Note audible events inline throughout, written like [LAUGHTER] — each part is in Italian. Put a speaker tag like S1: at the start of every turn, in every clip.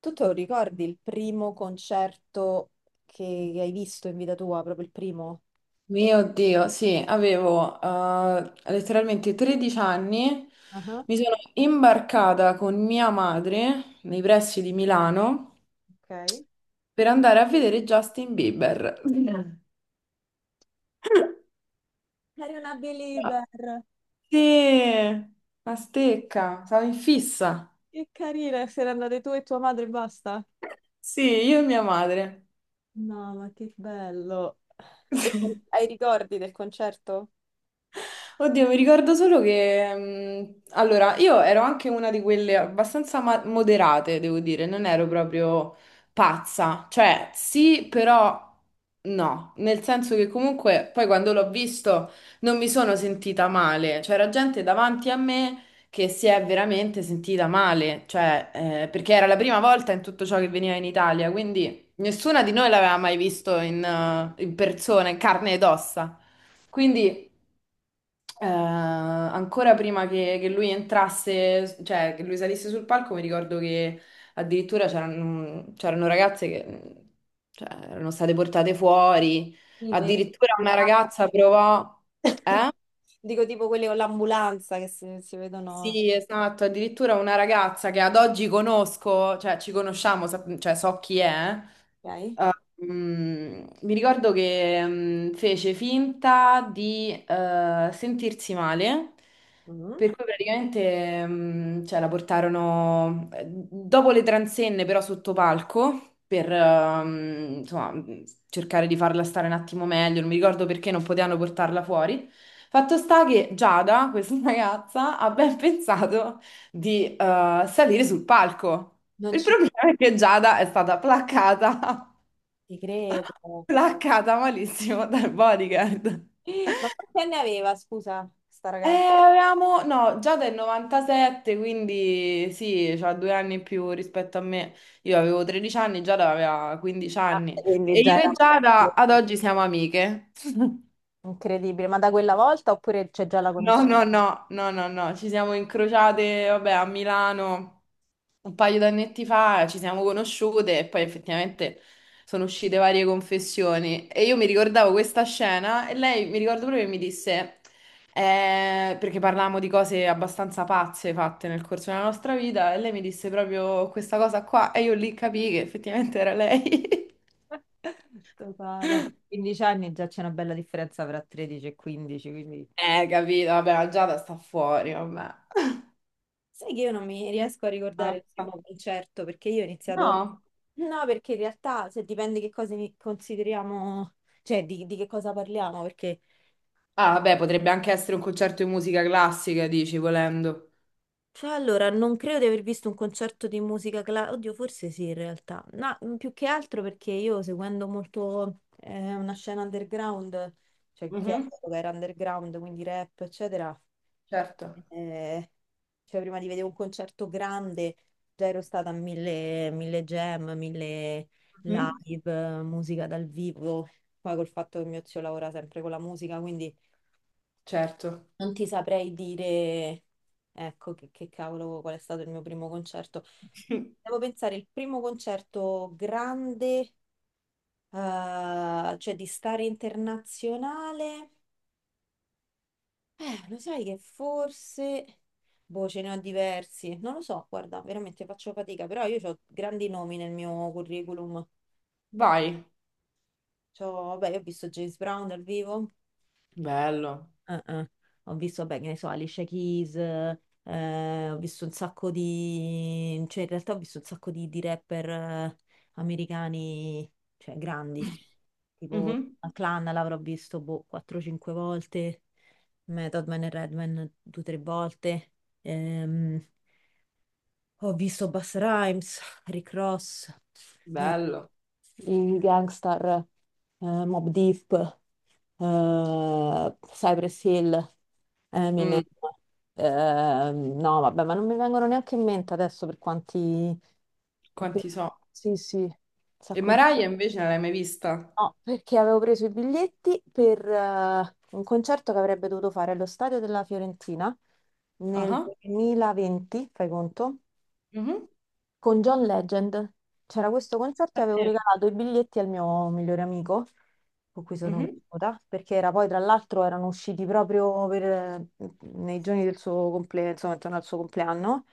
S1: Tu te lo ricordi il primo concerto che hai visto in vita tua, proprio il primo?
S2: Mio Dio, sì, avevo letteralmente 13 anni,
S1: Ah.
S2: mi sono imbarcata con mia madre nei pressi di Milano
S1: Ok.
S2: per andare a vedere Justin Bieber. [LAUGHS] Mm.
S1: Eri una
S2: Ma
S1: believer.
S2: sì, una stecca, stavo in fissa.
S1: Che carina, se ne andate tu e tua madre e basta.
S2: Sì, io e mia madre.
S1: No, ma che bello. E
S2: [LAUGHS]
S1: hai ricordi del concerto?
S2: Oddio, mi ricordo solo che... allora, io ero anche una di quelle abbastanza moderate, devo dire, non ero proprio pazza. Cioè, sì, però no. Nel senso che comunque poi quando l'ho visto non mi sono sentita male. C'era gente davanti a me che si è veramente sentita male. Cioè, perché era la prima volta in tutto ciò che veniva in Italia, quindi nessuna di noi l'aveva mai visto in persona, in carne ed ossa. Quindi... Ancora prima che lui entrasse, cioè che lui salisse sul palco, mi ricordo che addirittura c'erano ragazze che, cioè, erano state portate fuori.
S1: Sì.
S2: Addirittura una ragazza provò,
S1: [LAUGHS]
S2: eh?
S1: Dico tipo quelli con l'ambulanza che si vedono.
S2: Sì, esatto. Addirittura una ragazza che ad oggi conosco, cioè ci conosciamo, cioè so chi è. Eh?
S1: Ok?
S2: Mi ricordo che fece finta di sentirsi male,
S1: Mm.
S2: per cui praticamente cioè, la portarono dopo le transenne, però sotto palco, per insomma, cercare di farla stare un attimo meglio. Non mi ricordo perché non potevano portarla fuori. Fatto sta che Giada, questa [LAUGHS] ragazza, ha ben pensato di salire sul palco.
S1: Non
S2: Il
S1: ci
S2: problema è che Giada è stata placcata
S1: ci credo.
S2: placcata malissimo [LAUGHS] dal bodyguard.
S1: [GASPS] Ma quanti anni aveva, scusa, sta ragazza?
S2: Avevamo, no, già del 97, quindi sì, c'ha due anni in più rispetto a me. Io avevo 13 anni, Giada aveva 15 anni.
S1: Quindi
S2: E
S1: già
S2: io e
S1: era proprio
S2: Giada ad oggi siamo amiche.
S1: incredibile, ma da quella volta oppure c'è già la
S2: No,
S1: conoscenza?
S2: no, no, no, no, no, ci siamo incrociate, vabbè, a Milano un paio d'annetti fa, ci siamo conosciute e poi effettivamente sono uscite varie confessioni e io mi ricordavo questa scena e lei, mi ricordo proprio che mi disse, perché parlavamo di cose abbastanza pazze fatte nel corso della nostra vita e lei mi disse proprio questa cosa qua e io lì capii che effettivamente era lei. [LAUGHS]
S1: Totale. A 15 anni già c'è una bella differenza tra 13 e 15, quindi...
S2: Capito, vabbè, la Giada sta fuori, vabbè.
S1: Sai che io non mi riesco a
S2: [LAUGHS]
S1: ricordare il
S2: Mazza.
S1: primo concerto perché io ho iniziato...
S2: No.
S1: No, perché in realtà se dipende che cosa consideriamo, cioè di che cosa parliamo, perché
S2: Ah, beh, potrebbe anche essere un concerto di musica classica, dici, volendo.
S1: cioè, allora, non credo di aver visto un concerto di musica classica, oddio, forse sì in realtà, no, più che altro perché io seguendo molto una scena underground, cioè che
S2: Mhm,
S1: all'epoca era underground, quindi rap, eccetera,
S2: certo.
S1: eh, cioè prima di vedere un concerto grande già ero stata a mille, mille jam, mille
S2: Mhm,
S1: live, musica dal vivo, poi col fatto che mio zio lavora sempre con la musica, quindi
S2: certo.
S1: non ti saprei dire, ecco, che cavolo, qual è stato il mio primo concerto.
S2: [LAUGHS]
S1: Devo pensare, il primo concerto grande, cioè di stare internazionale, lo sai che forse, boh, ce ne ho diversi, non lo so, guarda, veramente faccio fatica, però io ho grandi nomi nel mio curriculum.
S2: Vai.
S1: Vabbè, io ho visto James Brown dal vivo.
S2: Bello.
S1: Eh, eh. Ho visto, beh, che ne so, Alicia Keys, ho visto un sacco di... cioè in realtà ho visto un sacco di rapper americani, cioè grandi, tipo
S2: Mhm,
S1: la Clan l'avrò visto, boh, 4-5 volte, Method Man e Redman 2-3 volte. Ehm, Ho visto Busta Rhymes, Rick Ross, eh,
S2: bello.
S1: i Gangstar, Mobb Deep, Cypress Hill, Eminem.
S2: Mm,
S1: No, vabbè, ma non mi vengono neanche in mente adesso per quanti... per- per-
S2: quanti so.
S1: Sì, sì, un
S2: E
S1: sacco.
S2: Mariah invece non l'hai mai vista?
S1: No, perché avevo preso i biglietti per un concerto che avrebbe dovuto fare allo stadio della Fiorentina
S2: Ah,
S1: nel
S2: ah,
S1: 2020, fai conto?
S2: mhm.
S1: Con John Legend. C'era questo concerto e
S2: Ah,
S1: avevo
S2: sì.
S1: regalato i biglietti al mio migliore amico, con cui sono
S2: Mhm.
S1: cresciuta, perché era poi tra l'altro erano usciti proprio nei giorni del suo compleanno, insomma, intorno al suo compleanno.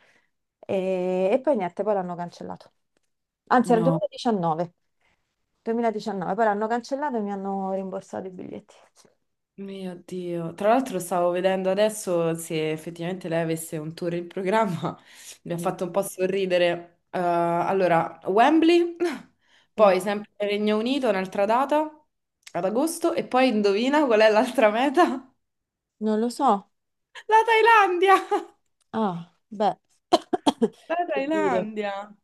S1: E poi niente, poi l'hanno cancellato. Anzi, era il
S2: No.
S1: 2019. 2019, poi l'hanno cancellato e mi hanno rimborsato i biglietti.
S2: Mio Dio, tra l'altro stavo vedendo adesso se effettivamente lei avesse un tour in programma, [LAUGHS] mi ha
S1: No.
S2: fatto un po' sorridere. Allora, Wembley, [LAUGHS]
S1: Eh,
S2: poi sempre Regno Unito, un'altra data ad agosto e poi indovina qual è l'altra meta?
S1: non lo so.
S2: [LAUGHS] La Thailandia! [LAUGHS]
S1: Ah, beh, [COUGHS]
S2: La
S1: che dire.
S2: Thailandia!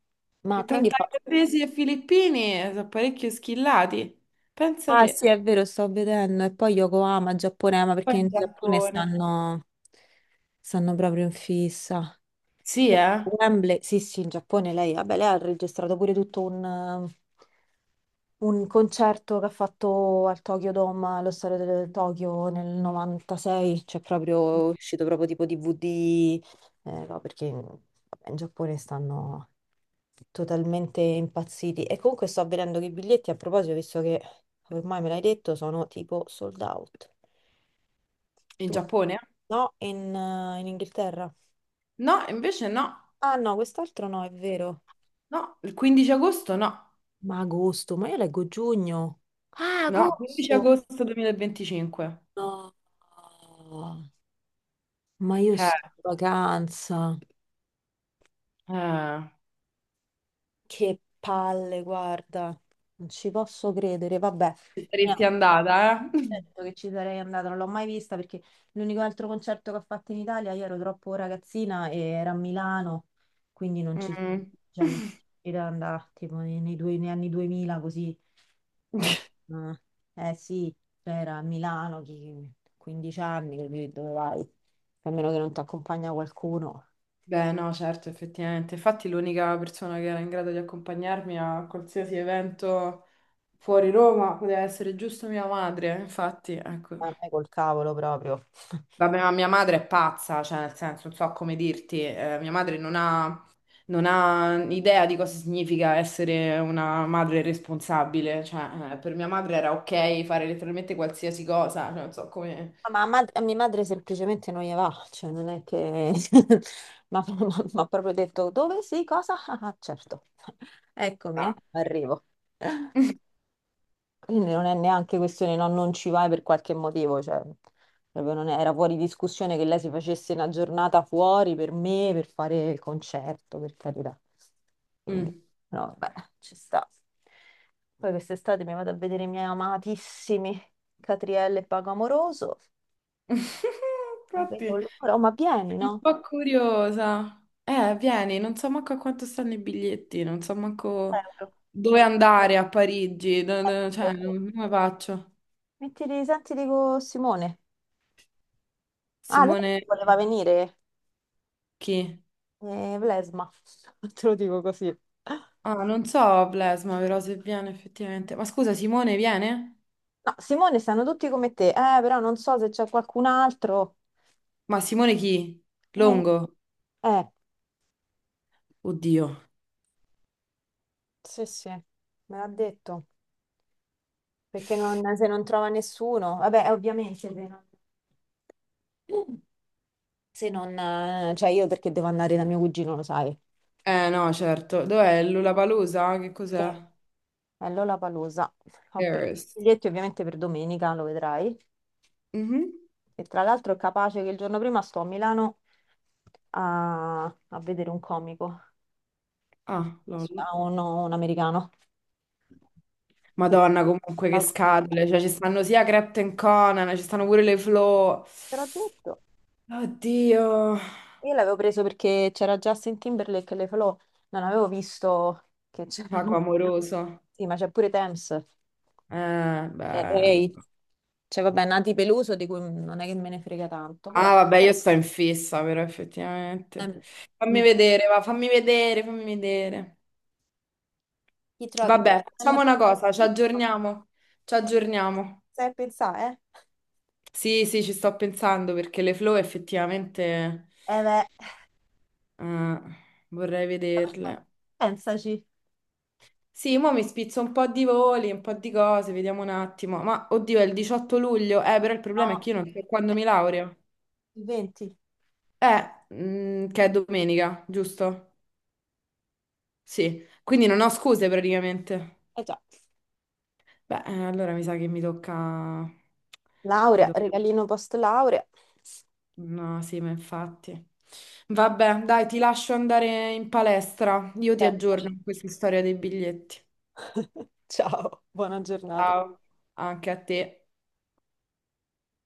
S1: Ma
S2: Che tra
S1: quindi... [LAUGHS]
S2: thailandesi e filippini sono parecchio schillati. Pensa
S1: Ah
S2: te.
S1: sì, è vero, sto vedendo. E poi Yokohama, Giapponema,
S2: Poi
S1: perché
S2: in
S1: in Giappone
S2: Giappone.
S1: stanno proprio in fissa.
S2: Sì, eh?
S1: Wembley, sì, sì, in Giappone lei, vabbè, lei ha registrato pure tutto un concerto che ha fatto al Tokyo Dome, allo stadio del Tokyo nel 96, cioè proprio è uscito proprio tipo DVD. No, perché vabbè, in Giappone stanno totalmente impazziti. E comunque sto vedendo che i biglietti, a proposito, visto che ormai me l'hai detto, sono tipo sold out.
S2: In
S1: Tu-
S2: Giappone?
S1: No, in Inghilterra.
S2: No, invece no.
S1: Ah no, quest'altro no, è vero.
S2: No, il 15 agosto no,
S1: Ma agosto, ma io leggo giugno. Ah,
S2: no, 15
S1: agosto!
S2: agosto 2025.
S1: No, ma io
S2: Eh,
S1: sto in vacanza.
S2: eh,
S1: Che palle, guarda. Non ci posso credere, vabbè.
S2: ci saresti
S1: Niente.
S2: andata, eh?
S1: Certo che ci sarei andata, non l'ho mai vista perché l'unico altro concerto che ho fatto in Italia, io ero troppo ragazzina e era a Milano, quindi non ci
S2: Mm.
S1: cioè, non era andare tipo nei negli anni 2000 così. No.
S2: [LAUGHS]
S1: Ah. Eh sì, cioè, era a Milano, 15 anni, capì, dove vai? A meno che non ti accompagna qualcuno,
S2: Beh, no, certo, effettivamente. Infatti l'unica persona che era in grado di accompagnarmi a qualsiasi evento fuori Roma poteva essere giusto mia madre, infatti, ecco.
S1: a me col cavolo proprio. [LAUGHS]
S2: Vabbè, ma mia madre è pazza, cioè, nel senso, non so come dirti, mia madre non ha idea di cosa significa essere una madre responsabile. Cioè, per mia madre era ok fare letteralmente qualsiasi cosa, cioè, non so come...
S1: Ma a mia madre semplicemente non gli va, cioè non è che [LAUGHS] mi ha [LAUGHS] proprio detto dove sì, cosa? [LAUGHS] Ah, ah, certo, [LAUGHS] eccomi,
S2: Ah.
S1: arrivo. [LAUGHS]
S2: [LAUGHS]
S1: Quindi non è neanche questione no, non ci vai per qualche motivo, cioè proprio non è- era fuori discussione che lei si facesse una giornata fuori per me, per fare il concerto, per carità. Quindi,
S2: Mm.
S1: no, beh, ci sta. Poi quest'estate mi vado a vedere i miei amatissimi Catrielle e Paco Amoroso.
S2: [LAUGHS]
S1: Non vedo
S2: Infatti,
S1: l'ora, oh, ma vieni, no?
S2: sono un po' curiosa. Vieni, non so manco a quanto stanno i biglietti, non so manco
S1: Euro. Te lo
S2: dove andare a Parigi, cioè,
S1: dico.
S2: come faccio?
S1: Mettili, senti, dico Simone. Ah, lei
S2: Simone,
S1: voleva venire,
S2: chi?
S1: Blesma, [LAUGHS] te lo dico così.
S2: Ah, non so, Blesma, però se viene effettivamente. Ma scusa, Simone viene?
S1: No, Simone stanno tutti come te, però non so se c'è qualcun altro.
S2: Ma Simone chi?
S1: Eh,
S2: Longo?
S1: eh,
S2: Oddio.
S1: sì, sì, me l'ha detto, perché se non trova nessuno, vabbè, ovviamente se non, cioè io perché devo andare da mio cugino, lo sai.
S2: Eh no, certo. Dov'è? Lollapalooza? Che
S1: Sì.
S2: cos'è?
S1: È Lollapalooza. Ho preso
S2: Paris.
S1: i biglietti ovviamente per domenica, lo vedrai.
S2: Mhm.
S1: E tra l'altro è capace che il giorno prima sto a Milano a vedere un comico,
S2: Ah, lol.
S1: un americano. Che
S2: Madonna, comunque che
S1: fa-
S2: scatole. Cioè, ci stanno sia Crept and Conan, ci stanno pure le Flo.
S1: Te l'ho detto.
S2: Oddio.
S1: Io l'avevo preso perché c'era Justin Timberlake e le falò. Non avevo visto che
S2: Paco
S1: c'erano.
S2: Amoroso.
S1: Sì, ma c'è pure Thames, c'è
S2: Bello.
S1: Ray, c'è vabbè Nati Peluso di cui non è che me ne frega tanto, però
S2: Ah, vabbè, io sto in fissa, però effettivamente.
S1: ehm,
S2: Fammi
S1: sì.
S2: vedere, va, fammi vedere, fammi vedere.
S1: Ti trovi
S2: Vabbè,
S1: alla...
S2: facciamo una cosa, ci aggiorniamo. Ci aggiorniamo.
S1: Sai pensare,
S2: Sì, sì, ci sto pensando perché le flow effettivamente
S1: eh? Eh beh.
S2: eh, vorrei vederle.
S1: Pensaci,
S2: Sì, mo mi spizzo un po' di voli, un po' di cose, vediamo un attimo. Ma oddio, è il 18 luglio, però il
S1: no,
S2: problema è che io non so quando mi laureo.
S1: il 20.
S2: Che è domenica, giusto? Sì, quindi non ho scuse praticamente.
S1: Eh già.
S2: Beh, allora mi sa che mi tocca... Mi
S1: Laurea,
S2: tocca...
S1: regalino post laurea.
S2: No, sì, ma infatti. Vabbè, dai, ti lascio andare in palestra. Io ti aggiorno
S1: Pensaci.
S2: con questa storia dei biglietti.
S1: [LAUGHS] Ciao, buona giornata.
S2: Ciao, anche a te.